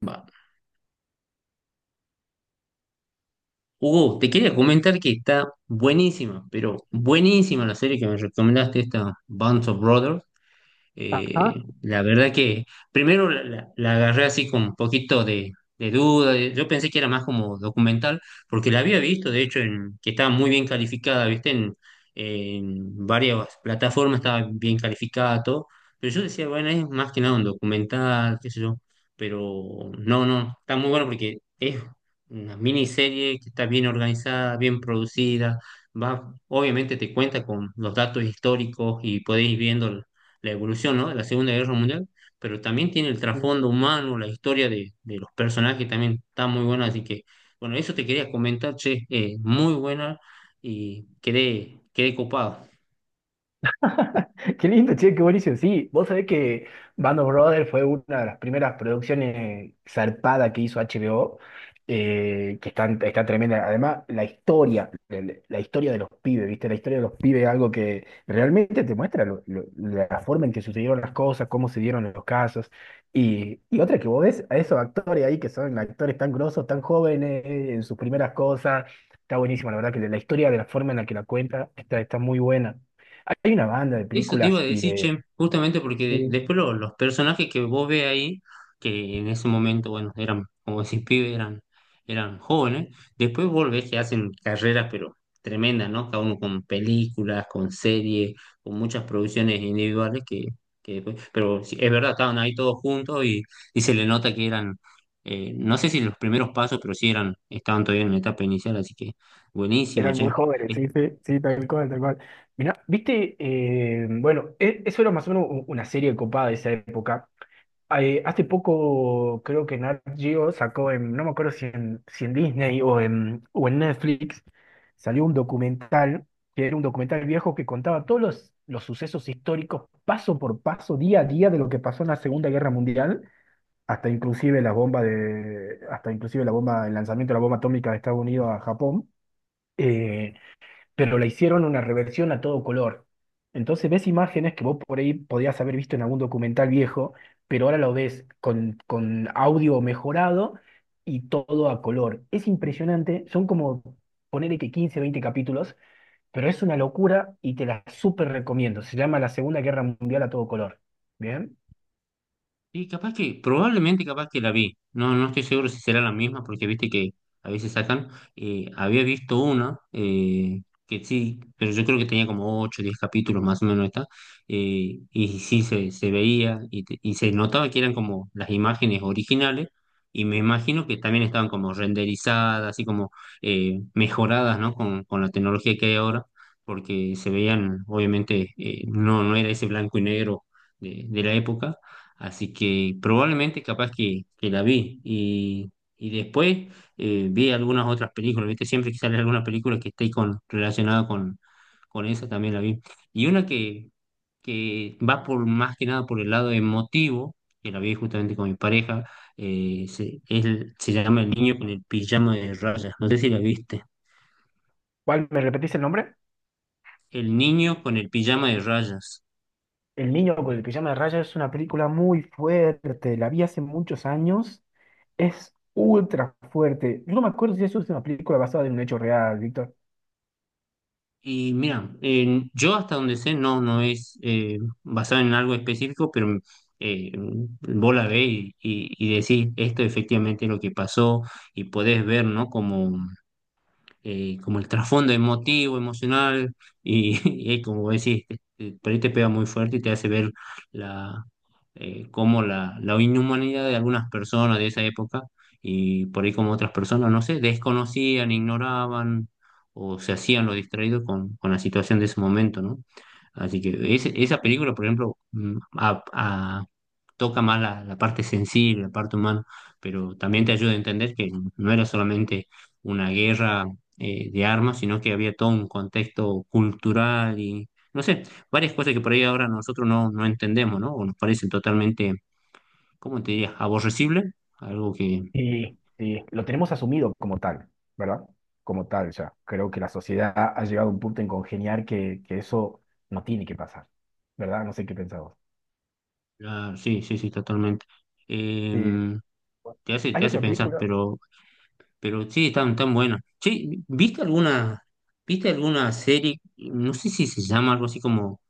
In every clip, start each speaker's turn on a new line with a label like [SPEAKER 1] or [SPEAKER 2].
[SPEAKER 1] Va. Hugo, te quería comentar que está buenísima, pero buenísima la serie que me recomendaste, esta Band of Brothers.
[SPEAKER 2] Ajá,
[SPEAKER 1] La verdad que primero la agarré así con un poquito de duda, de- yo pensé que era más como documental, porque la había visto, de hecho, en, que estaba muy bien calificada, ¿viste? En varias plataformas estaba bien calificada, todo, pero yo decía, bueno, es más que nada un documental, qué sé yo, pero no, no, está muy bueno porque es una miniserie que está bien organizada, bien producida, va, obviamente te cuenta con los datos históricos y podéis ir viendo la evolución, ¿no? De la Segunda Guerra Mundial, pero también tiene el
[SPEAKER 2] sí.
[SPEAKER 1] trasfondo humano, la historia de los personajes también está muy buena, así que, bueno, eso te quería comentar, che, muy buena y quedé, quedé copado.
[SPEAKER 2] Qué lindo, che, qué buenísimo. Sí, vos sabés que Band of Brothers fue una de las primeras producciones zarpadas que hizo HBO, que está, está tremenda. Además, la historia, la historia de los pibes, ¿viste? La historia de los pibes es algo que realmente te muestra la forma en que sucedieron las cosas, cómo se dieron los casos. Y otra que vos ves a esos actores ahí que son actores tan grosos, tan jóvenes, en sus primeras cosas. Está buenísimo, la verdad que la historia de la forma en la que la cuenta está, está muy buena. Hay una banda de
[SPEAKER 1] Eso te iba a
[SPEAKER 2] películas y
[SPEAKER 1] decir,
[SPEAKER 2] de…
[SPEAKER 1] che, justamente porque
[SPEAKER 2] Sí,
[SPEAKER 1] después lo- los personajes que vos ves ahí, que en ese momento, bueno, eran, como decís, pibes, eran, eran jóvenes, después vos ves que hacen carreras, pero tremendas, ¿no? Cada uno con películas, con series, con muchas producciones individuales que después, pero sí, es verdad, estaban ahí todos juntos y se le nota que eran, no sé si los primeros pasos, pero sí eran, estaban todavía en la etapa inicial, así que buenísimo,
[SPEAKER 2] eran muy
[SPEAKER 1] che.
[SPEAKER 2] jóvenes, sí, sí, sí, tal cual, tal cual. Mirá, viste, bueno, eso era más o menos una serie copada de esa época. Hace poco creo que Nat Geo sacó en, no me acuerdo si en Disney o en Netflix, salió un documental, que era un documental viejo que contaba todos los sucesos históricos, paso por paso, día a día, de lo que pasó en la Segunda Guerra Mundial hasta inclusive la bomba de, hasta inclusive la bomba, el lanzamiento de la bomba atómica de Estados Unidos a Japón, eh, pero la hicieron una reversión a todo color. Entonces ves imágenes que vos por ahí podías haber visto en algún documental viejo, pero ahora lo ves con audio mejorado y todo a color. Es impresionante, son como ponerle que 15, 20 capítulos, pero es una locura y te la súper recomiendo. Se llama La Segunda Guerra Mundial a todo color. ¿Bien?
[SPEAKER 1] Y capaz que, probablemente capaz que la vi. No, no estoy seguro si será la misma, porque viste que a veces sacan. Había visto una, que sí, pero yo creo que tenía como 8 o 10 capítulos más o menos esta. Y sí se veía y, te- y se notaba que eran como las imágenes originales. Y me imagino que también estaban como renderizadas, así como mejoradas, ¿no? Con la tecnología que hay ahora, porque se veían, obviamente, no, no era ese blanco y negro de la época. Así que probablemente capaz que la vi. Y después vi algunas otras películas, ¿viste? Siempre que sale alguna película que esté con, relacionada con esa también la vi. Y una que va por más que nada por el lado emotivo, que la vi justamente con mi pareja, se, es- se llama El niño con el pijama de rayas. No sé si la viste.
[SPEAKER 2] ¿Cuál me repetís el nombre?
[SPEAKER 1] El niño con el pijama de rayas.
[SPEAKER 2] El niño con el pijama de rayas es una película muy fuerte, la vi hace muchos años, es ultra fuerte. Yo no me acuerdo si eso es una película basada en un hecho real, Víctor.
[SPEAKER 1] Y mira, yo hasta donde sé, no, no es basado en algo específico, pero eh, vos la ves y decís, esto efectivamente es lo que pasó y podés ver, ¿no? Como como el trasfondo emotivo, emocional, y, y como decís, por ahí te pega muy fuerte y te hace ver la, como la inhumanidad de algunas personas de esa época, y por ahí como otras personas, no sé, desconocían, ignoraban o se hacían lo distraído con la situación de ese momento, ¿no? Así que ese- esa película, por ejemplo, a- toca más la, la parte sensible, la parte humana, pero también te
[SPEAKER 2] Sí.
[SPEAKER 1] ayuda a entender que no era solamente una guerra de armas, sino que había todo un contexto cultural y, no sé, varias cosas que por ahí ahora nosotros no, no entendemos, ¿no? O nos parecen totalmente, ¿cómo te diría?, aborrecible, algo que,
[SPEAKER 2] Sí, sí, lo tenemos asumido como tal, ¿verdad? Como tal ya. Creo que la sociedad ha llegado a un punto en congeniar que eso no tiene que pasar, ¿verdad? No sé qué pensabas.
[SPEAKER 1] ah, sí, sí, sí, totalmente.
[SPEAKER 2] Sí.
[SPEAKER 1] Em,
[SPEAKER 2] ¿Hay
[SPEAKER 1] te hace
[SPEAKER 2] otra
[SPEAKER 1] pensar,
[SPEAKER 2] película?
[SPEAKER 1] pero sí, tan, tan buena. Sí, ¿viste alguna... ¿Viste alguna serie? No sé si se llama algo así como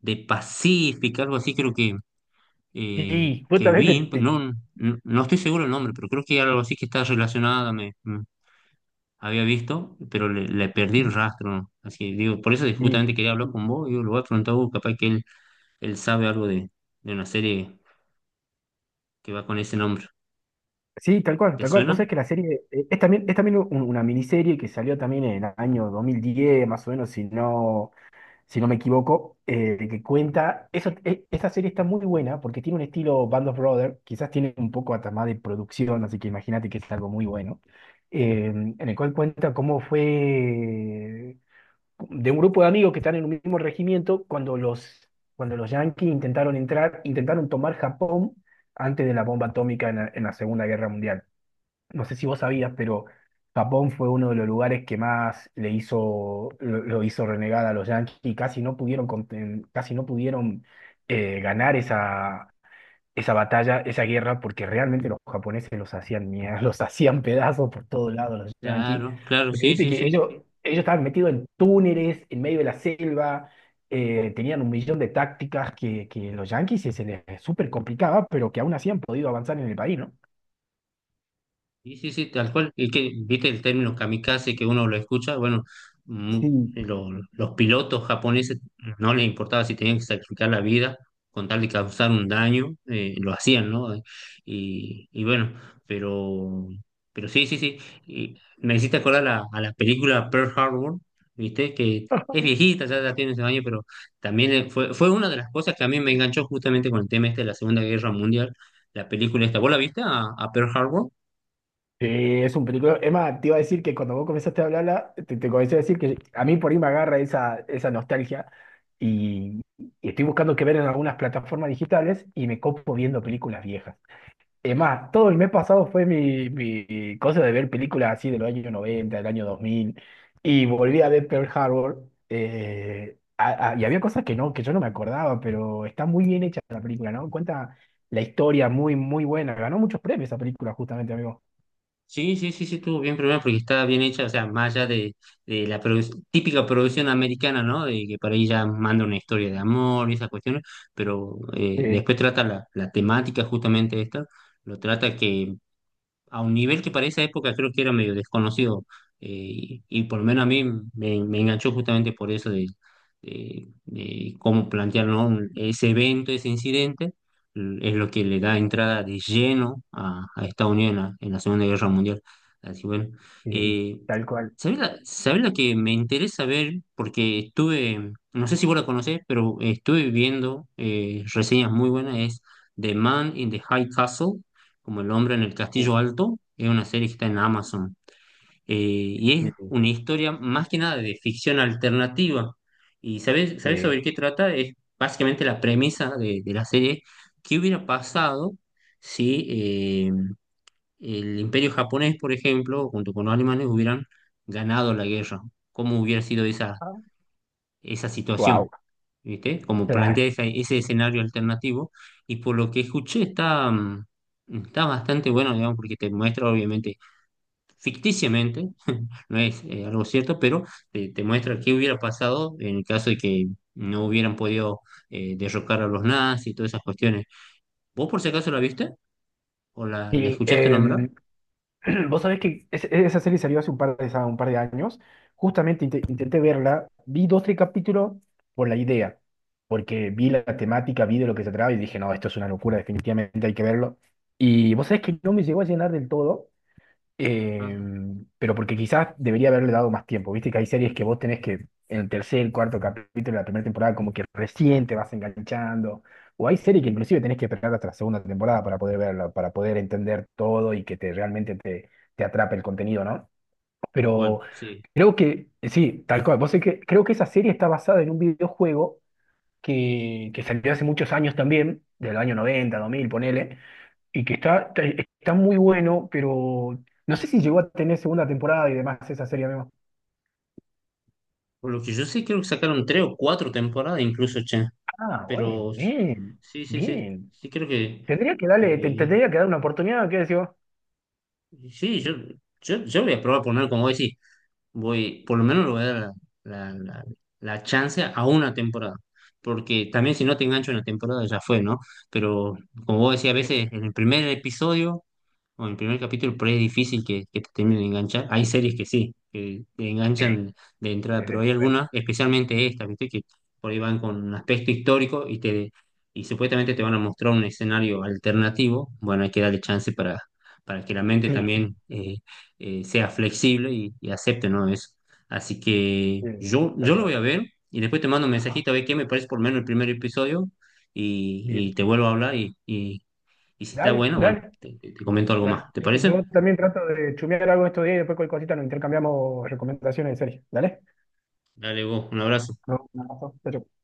[SPEAKER 1] de Pacific, algo así creo
[SPEAKER 2] Sí,
[SPEAKER 1] que
[SPEAKER 2] justamente.
[SPEAKER 1] vi, no, no, no estoy seguro del nombre, pero creo que algo así que está relacionada, me había visto, pero le perdí el rastro. Así que digo, por eso
[SPEAKER 2] Sí.
[SPEAKER 1] justamente quería hablar con vos, digo, lo voy a preguntar a vos, capaz que él sabe algo de una serie que va con ese nombre.
[SPEAKER 2] Sí, tal cual,
[SPEAKER 1] ¿Te
[SPEAKER 2] tal cual. Vos sabés
[SPEAKER 1] suena?
[SPEAKER 2] que la serie es también una miniserie que salió también en el año 2010, más o menos, si no me equivoco, que cuenta. Eso, esta serie está muy buena porque tiene un estilo Band of Brothers, quizás tiene un poco hasta más de producción, así que imagínate que es algo muy bueno, en el cual cuenta cómo fue de un grupo de amigos que están en un mismo regimiento cuando los yanquis intentaron entrar, intentaron tomar Japón antes de la bomba atómica en la Segunda Guerra Mundial. No sé si vos sabías, pero Japón fue uno de los lugares que más le hizo, lo hizo renegar a los Yankees y casi no pudieron, casi no pudieron ganar esa, esa batalla, esa guerra, porque realmente los japoneses los hacían mierda, los hacían pedazos por todos lados los Yankees.
[SPEAKER 1] Claro, claro,
[SPEAKER 2] Porque
[SPEAKER 1] sí,
[SPEAKER 2] viste
[SPEAKER 1] sí,
[SPEAKER 2] que
[SPEAKER 1] sí.
[SPEAKER 2] ellos estaban metidos en túneles, en medio de la selva, tenían un millón de tácticas que los Yankees se les súper complicaba, pero que aún así han podido avanzar en el país, ¿no?
[SPEAKER 1] Sí, sí, sí, tal cual. Y que, viste el término kamikaze que uno lo escucha, bueno, mm,
[SPEAKER 2] Sí,
[SPEAKER 1] lo- los pilotos japoneses no les importaba si tenían que sacrificar la vida con tal de causar un daño, lo hacían, ¿no? Y bueno, pero, pero sí, sí, sí. Y me hiciste acordar la- a la película Pearl Harbor, viste, que es viejita, ya, ya tiene ese años, pero también fue, fue una de las cosas que a mí me enganchó justamente con el tema este de la Segunda Guerra Mundial, la película esta. ¿Vos la viste a Pearl Harbor?
[SPEAKER 2] sí, es un película. Es más, te iba a decir que cuando vos comenzaste a hablarla, te comencé a decir que a mí por ahí me agarra esa, esa nostalgia y, y estoy buscando qué ver en algunas plataformas digitales y me copo viendo películas viejas. Es más, todo el mes pasado fue mi, mi cosa de ver películas así de los años 90, del año 2000 y volví a ver Pearl Harbor y había cosas que no, que yo no me acordaba, pero está muy bien hecha la película, ¿no? Cuenta la historia muy, muy buena. Ganó muchos premios esa película justamente, amigo.
[SPEAKER 1] Sí, sí, sí, sí, estuvo bien primero porque estaba bien hecha, o sea, más allá de la produ- típica producción americana, ¿no? De que por ahí ya manda una historia de amor y esas cuestiones, pero después trata la, la temática justamente esta, lo trata que a un nivel que para esa época creo que era medio desconocido. Y, y por lo menos a mí me, me enganchó justamente por eso de cómo plantear, ¿no? Un- ese evento, ese incidente, l- es lo que le da entrada de lleno a Estados Unidos en la Segunda Guerra Mundial. Así bueno,
[SPEAKER 2] Sí,
[SPEAKER 1] eh,
[SPEAKER 2] tal cual.
[SPEAKER 1] sabés la que me interesa ver? Porque estuve, no sé si vos la conocés, pero estuve viendo reseñas muy buenas, es The Man in the High Castle, como El hombre en el
[SPEAKER 2] Uh,
[SPEAKER 1] castillo alto, es una serie que está en Amazon. Y es
[SPEAKER 2] sí,
[SPEAKER 1] una historia más que nada de ficción alternativa. ¿Y sabes, sabes
[SPEAKER 2] sí.
[SPEAKER 1] sobre qué trata? Es básicamente la premisa de la serie. ¿Qué hubiera pasado si eh, el imperio japonés, por ejemplo, junto con los alemanes, hubieran ganado la guerra? ¿Cómo hubiera sido esa, esa situación?
[SPEAKER 2] Wow.
[SPEAKER 1] ¿Viste? Como
[SPEAKER 2] Claro.
[SPEAKER 1] plantea esa- ese escenario alternativo, y por lo que escuché está, está bastante bueno, digamos, porque te muestra obviamente ficticiamente, no es algo cierto, pero te muestra qué hubiera pasado en el caso de que no hubieran podido derrocar a los nazis y todas esas cuestiones. ¿Vos por si acaso la viste? ¿O la
[SPEAKER 2] Y
[SPEAKER 1] escuchaste nombrar?
[SPEAKER 2] vos sabés que esa serie salió hace un par de años. Justamente intenté verla, vi dos, tres capítulos por la idea, porque vi la temática, vi de lo que se trataba y dije, no, esto es una locura, definitivamente hay que verlo. Y vos sabés que no me llegó a llenar del todo,
[SPEAKER 1] Ah,
[SPEAKER 2] Eh, pero porque quizás debería haberle dado más tiempo. Viste que hay series que vos tenés que en el tercer, cuarto capítulo de la primera temporada como que recién te vas enganchando. O hay series que inclusive tenés que esperar hasta la segunda temporada para poder verla, para poder entender todo y que te realmente te, te atrape el contenido, ¿no?
[SPEAKER 1] tal
[SPEAKER 2] Pero
[SPEAKER 1] cual, sí.
[SPEAKER 2] creo que, sí, tal cual. Vos sé que creo que esa serie está basada en un videojuego que salió hace muchos años también, del año 90, 2000 ponele y que está, está, está muy bueno, pero no sé si llegó a tener segunda temporada y demás esa serie, amigo.
[SPEAKER 1] Por lo que yo sé, creo que sacaron tres o cuatro temporadas incluso, che,
[SPEAKER 2] Ah, bueno,
[SPEAKER 1] pero
[SPEAKER 2] bien,
[SPEAKER 1] sí, sí, sí,
[SPEAKER 2] bien.
[SPEAKER 1] sí creo que...
[SPEAKER 2] Tendría que darle,
[SPEAKER 1] Eh,
[SPEAKER 2] tendría que dar una oportunidad, ¿qué decís vos?
[SPEAKER 1] sí, yo voy a probar poner, como decís, voy, por lo menos le voy a dar la, la, la- la chance a una temporada. Porque también si no te engancho en la temporada ya fue, ¿no? Pero como vos decís, a
[SPEAKER 2] Sí,
[SPEAKER 1] veces en el primer episodio bueno, el primer capítulo por ahí es difícil que te termine de enganchar. Hay series que sí, que te
[SPEAKER 2] sí,
[SPEAKER 1] enganchan de entrada,
[SPEAKER 2] desde
[SPEAKER 1] pero
[SPEAKER 2] el
[SPEAKER 1] hay
[SPEAKER 2] primer.
[SPEAKER 1] algunas, especialmente esta ¿viste? Que por ahí van con un aspecto histórico y te y supuestamente te van a mostrar un escenario alternativo. Bueno, hay que darle chance para que la mente
[SPEAKER 2] Sí,
[SPEAKER 1] también sea flexible y acepte, ¿no? Eso. Así que
[SPEAKER 2] sí,
[SPEAKER 1] yo
[SPEAKER 2] tal
[SPEAKER 1] lo voy
[SPEAKER 2] cual.
[SPEAKER 1] a ver y después te mando un
[SPEAKER 2] Ajá,
[SPEAKER 1] mensajito a ver qué me parece por lo menos el primer episodio y
[SPEAKER 2] bien.
[SPEAKER 1] te vuelvo a hablar y si está
[SPEAKER 2] Dale,
[SPEAKER 1] bueno, bueno,
[SPEAKER 2] dale,
[SPEAKER 1] te- te comento algo más.
[SPEAKER 2] dale.
[SPEAKER 1] ¿Te
[SPEAKER 2] Listo. Yo
[SPEAKER 1] parece?
[SPEAKER 2] también trato de chumear algo estos días y después cualquier cosita nos intercambiamos recomendaciones de series. Dale.
[SPEAKER 1] Dale vos, un abrazo.
[SPEAKER 2] No, un abrazo. Chau, chau.